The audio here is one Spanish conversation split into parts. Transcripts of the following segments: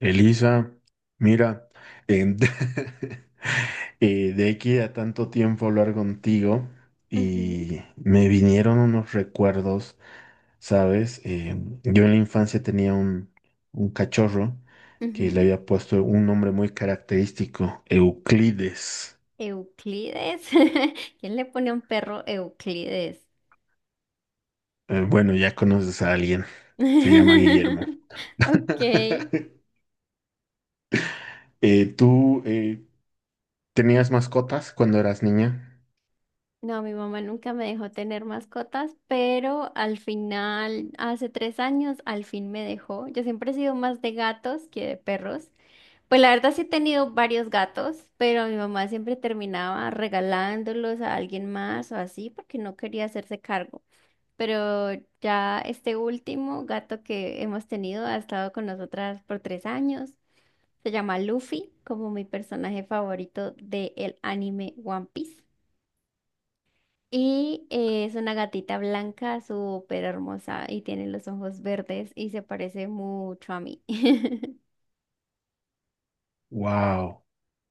Elisa, mira, em, de aquí a tanto tiempo hablar contigo Ujú, y me vinieron unos recuerdos, ¿sabes? Yo en la infancia tenía un cachorro que le ujú. había puesto un nombre muy característico, Euclides. Euclides. ¿Quién le pone a un perro Euclides? Bueno, ya conoces a alguien, se llama Guillermo. Ok. ¿Tú tenías mascotas cuando eras niña? No, mi mamá nunca me dejó tener mascotas, pero al final, hace 3 años, al fin me dejó. Yo siempre he sido más de gatos que de perros. Pues la verdad sí he tenido varios gatos, pero mi mamá siempre terminaba regalándolos a alguien más o así porque no quería hacerse cargo. Pero ya este último gato que hemos tenido ha estado con nosotras por 3 años. Se llama Luffy, como mi personaje favorito del anime One Piece. Y es una gatita blanca, súper hermosa, y tiene los ojos verdes y se parece mucho a mí. Wow.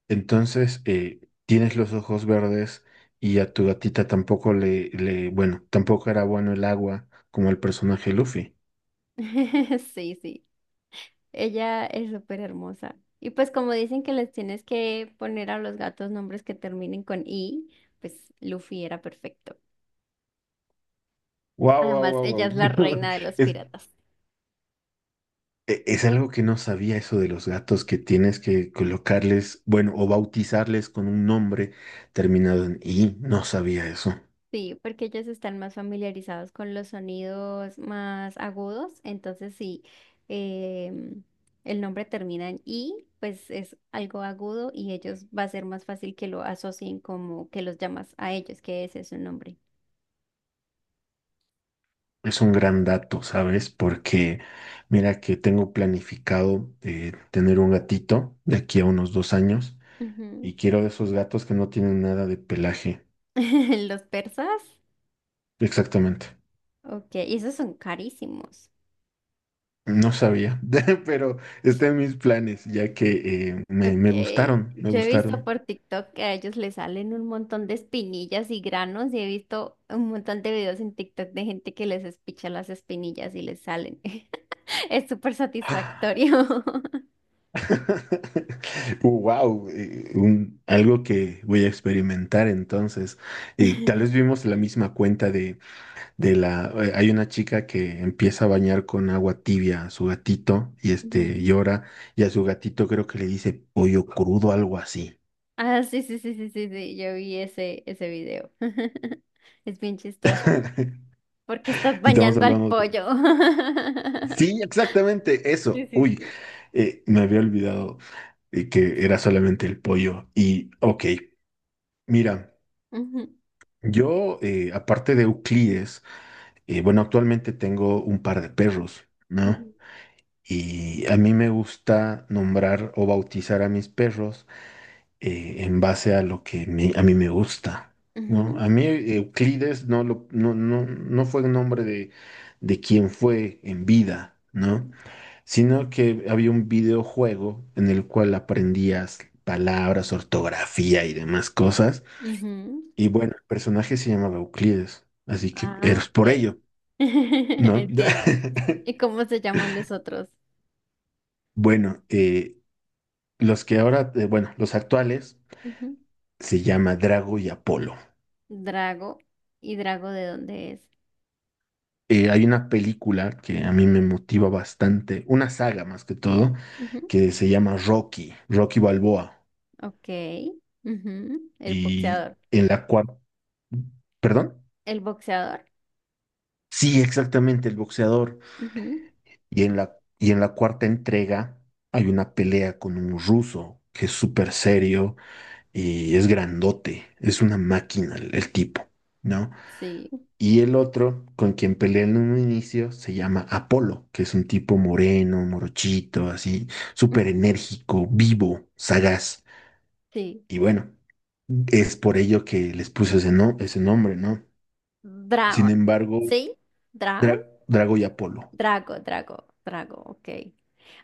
Entonces, tienes los ojos verdes y a tu gatita tampoco bueno, tampoco era bueno el agua como el personaje Luffy. Sí, sí. Ella es súper hermosa. Y pues como dicen que les tienes que poner a los gatos nombres que terminen con I, pues Luffy era perfecto. Wow, wow, Además, ella es wow, la wow. reina de los Es, piratas. Es algo que no sabía eso de los gatos que tienes que colocarles, bueno, o bautizarles con un nombre terminado en I. No sabía eso. Sí, porque ellos están más familiarizados con los sonidos más agudos. Entonces, sí, em, el nombre termina en I, pues es algo agudo y ellos va a ser más fácil que lo asocien como que los llamas a ellos, que ese es su nombre. Es un gran dato, ¿sabes? Porque mira que tengo planificado tener un gatito de aquí a unos 2 años. Y Ujú. quiero de esos gatos que no tienen nada de pelaje. Los persas, Exactamente. ok, y esos son carísimos. No sabía, pero está en mis planes, ya que me, Ok, me gustaron, me yo he visto gustaron. por TikTok que a ellos les salen un montón de espinillas y granos y he visto un montón de videos en TikTok de gente que les espicha las espinillas y les salen. Es súper satisfactorio. Wow, algo que voy a experimentar entonces. Tal vez vimos la misma cuenta de la. Hay una chica que empieza a bañar con agua tibia a su gatito y este Ujú. llora, y a su gatito creo que le dice pollo crudo, algo así. Ah, sí, sí, sí, sí, sí, sí, yo vi ese video. Es bien chistoso porque estás Estamos bañando al hablando pollo. Sí, exactamente Sí, eso. sí, Uy, sí. Me había olvidado que era solamente el pollo. Y, ok, mira, Ujú, aparte de Euclides, bueno, actualmente tengo un par de perros, ¿no? ujú, Y a mí me gusta nombrar o bautizar a mis perros en base a lo que a mí me gusta, ¿no? ujú, A mí Euclides no, lo, no, no, no fue el nombre de quien fue en vida, ¿no? Sino que había un videojuego en el cual aprendías palabras, ortografía y demás cosas. ujú. Y bueno, el personaje se llamaba Euclides, así que Ah, eres por ok. ello, ¿no? Entiendo. ¿Y cómo se llaman los otros? Bueno, los actuales Ujú. se llama Drago y Apolo. Drago. ¿Y Drago de dónde es? Hay una película que a mí me motiva bastante, una saga más que todo, Ujú. que se llama Rocky, Rocky Balboa, Ok. Ujú. El y boxeador. en la cual, ¿perdón? El boxeador. Sí, exactamente, el boxeador. Ujú. Y en la cuarta entrega hay una pelea con un ruso que es súper serio y es grandote, es una máquina el tipo, ¿no? Sí. Y el otro con quien pelea en un inicio se llama Apolo, que es un tipo moreno, morochito, así, súper Ujú. enérgico, vivo, sagaz. Sí. Y bueno, es por ello que les puse ese, no, ese nombre, ¿no? Sin Dragon. embargo, ¿Sí? Dragon. Drago y Apolo. Drago, Drago, Drago. Ok.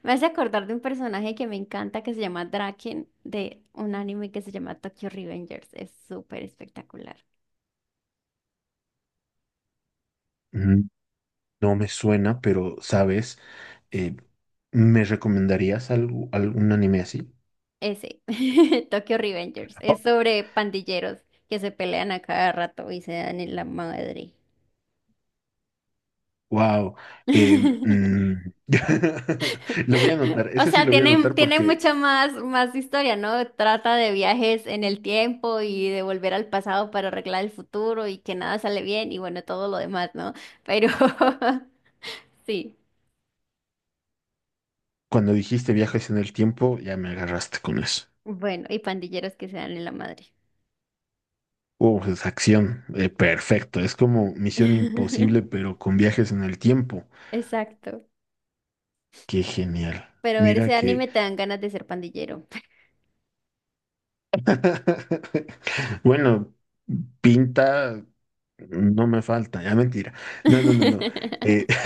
Me hace acordar de un personaje que me encanta que se llama Draken de un anime que se llama Tokyo Revengers. Es súper espectacular. No me suena, pero sabes, Eh, ¿me recomendarías algo, algún anime así? Ese, Tokyo Revengers, es sobre pandilleros que se pelean a cada rato y se dan en la madre. Wow. Lo voy a anotar, O ese sí sea, lo voy a anotar tiene porque mucha más, más historia, ¿no? Trata de viajes en el tiempo y de volver al pasado para arreglar el futuro y que nada sale bien y bueno, todo lo demás, ¿no? Pero sí, cuando dijiste viajes en el tiempo, ya me agarraste con eso. bueno, y pandilleros que se dan en la madre. Oh, es acción, perfecto. Es como Misión Imposible, pero con viajes en el tiempo. Exacto. Qué genial. Pero ver Mira ese que. anime te dan ganas de ser pandillero. Bueno, pinta no me falta, ya mentira. No, no, no, no. Eh,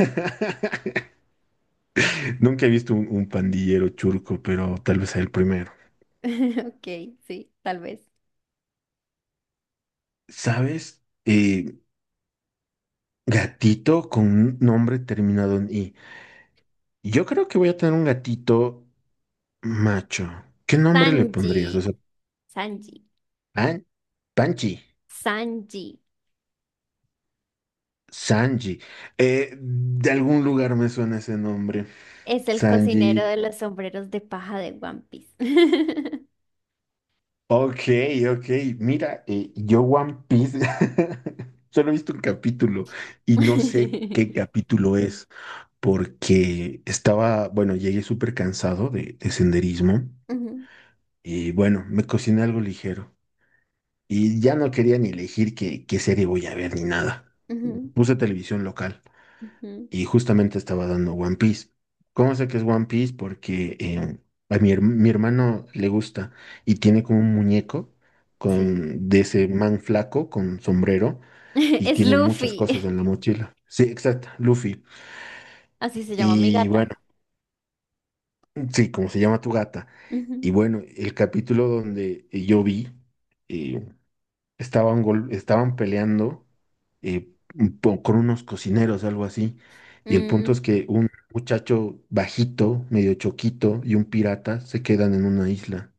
Nunca he visto un pandillero churco, pero tal vez sea el primero. Ok, sí, tal vez. ¿Sabes? Gatito con un nombre terminado en I. Yo creo que voy a tener un gatito macho. ¿Qué nombre le pondrías? O Sanji, sea, Sanji, Pan- Panchi, Sanji Sanji. De algún lugar me suena ese nombre. es el cocinero Sanji. de los sombreros de paja de One Piece. Ok, ok. Mira, yo One Piece solo he visto un capítulo y no sé qué capítulo es porque bueno, llegué súper cansado de senderismo Ujú, y bueno, me cociné algo ligero y ya no quería ni elegir qué, serie voy a ver ni nada. ujú, Puse televisión local ujú, y justamente estaba dando One Piece. ¿Cómo sé que es One Piece? Porque mi hermano le gusta y tiene como un muñeco sí. De ese man flaco con sombrero y Es tiene muchas Luffy. cosas en la mochila. Sí, exacto, Luffy. Así se llama mi Y gata. bueno, sí, como se llama tu gata. Y Ujú. bueno, el capítulo donde yo vi, eh, estaban peleando con unos cocineros, algo así. Y el punto es que un muchacho bajito, medio choquito, y un pirata se quedan en una isla.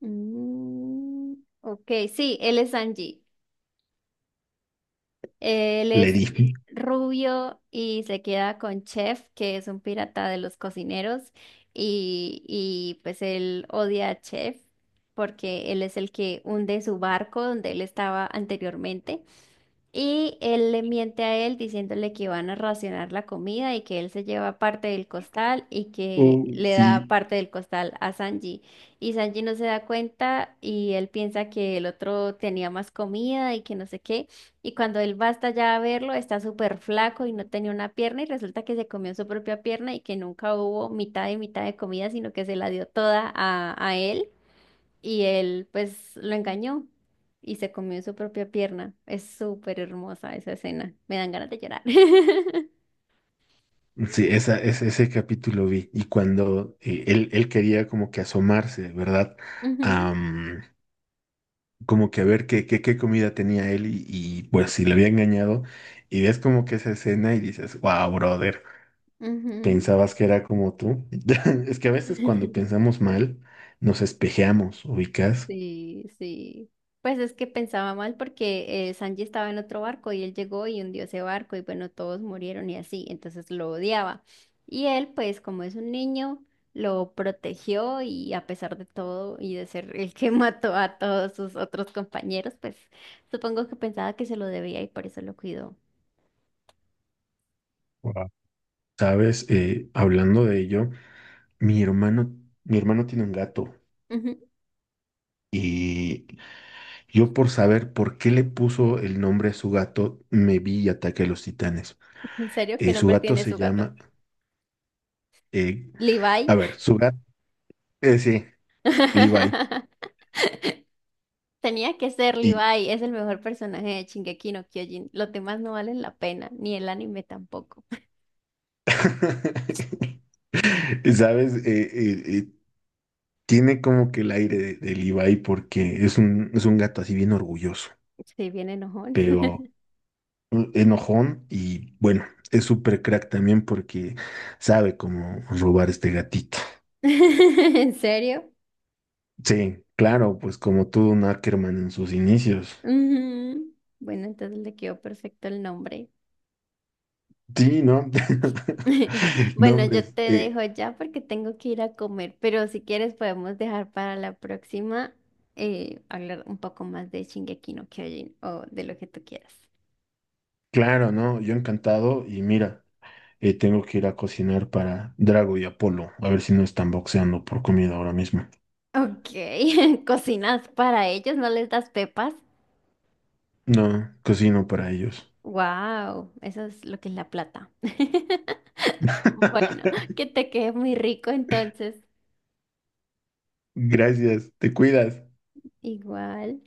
Mm, mm, ok, sí, él es Sanji. Él Le es dije, rubio y se queda con Chef, que es un pirata de los cocineros, y pues él odia a Chef porque él es el que hunde su barco donde él estaba anteriormente. Y él le miente a él diciéndole que van a racionar la comida y que él se lleva parte del costal y que oh, le da sí. parte del costal a Sanji. Y Sanji no se da cuenta y él piensa que el otro tenía más comida y que no sé qué. Y cuando él va hasta allá a verlo, está súper flaco y no tenía una pierna y resulta que se comió su propia pierna y que nunca hubo mitad y mitad de comida, sino que se la dio toda a él. Y él pues lo engañó y se comió su propia pierna. Es súper hermosa esa escena. Me dan ganas de llorar. Sí, ese capítulo vi. Y cuando él quería como que asomarse, ¿verdad? Ujú, Am, Como que a ver qué comida tenía él y, pues sí, si le había engañado. Y ves como que esa escena y dices, wow, brother. ujú. Pensabas que era como tú. Es que a veces cuando pensamos mal, nos espejeamos, ubicas, Sí, sí. Pues es que pensaba mal porque Sanji estaba en otro barco y él llegó y hundió ese barco y bueno, todos murieron y así, entonces lo odiaba. Y él, pues como es un niño, lo protegió y a pesar de todo y de ser el que mató a todos sus otros compañeros, pues supongo que pensaba que se lo debía y por eso lo cuidó. wow. ¿Sabes? Hablando de ello, mi hermano, mi hermano tiene un gato Ujú. y yo por saber por qué le puso el nombre a su gato, me vi y ataqué a los titanes. ¿En serio? ¿Qué Su nombre gato tiene se su gato? llama, eh, Levi. a ver, su gato, sí, Levi. Tenía que ser Y Levi, es el mejor personaje de Shingeki no Kyojin. Los demás no valen la pena, ni el anime tampoco. ¿sabes? Tiene como que el aire del Ibai porque es un gato así bien orgulloso, Estoy bien enojón. pero enojón y bueno, es súper crack también porque sabe cómo robar este gatito. ¿En serio? Sí, claro, pues como todo un Ackerman en sus inicios. Ujú. Bueno, entonces le quedó perfecto el nombre. Sí, ¿no? No, Bueno, hombre, yo te dejo ya porque tengo que ir a comer, pero si quieres podemos dejar para la próxima hablar un poco más de Shingeki no Kyojin o de lo que tú quieras. claro, ¿no? Yo encantado y mira, tengo que ir a cocinar para Drago y Apolo, a ver si no están boxeando por comida ahora mismo. Ok, ¿cocinas para ellos? ¿No les das pepas? No, cocino para ellos. Wow, eso es lo que es la plata. Bueno, que te quede muy rico entonces. Gracias, te cuidas. Igual.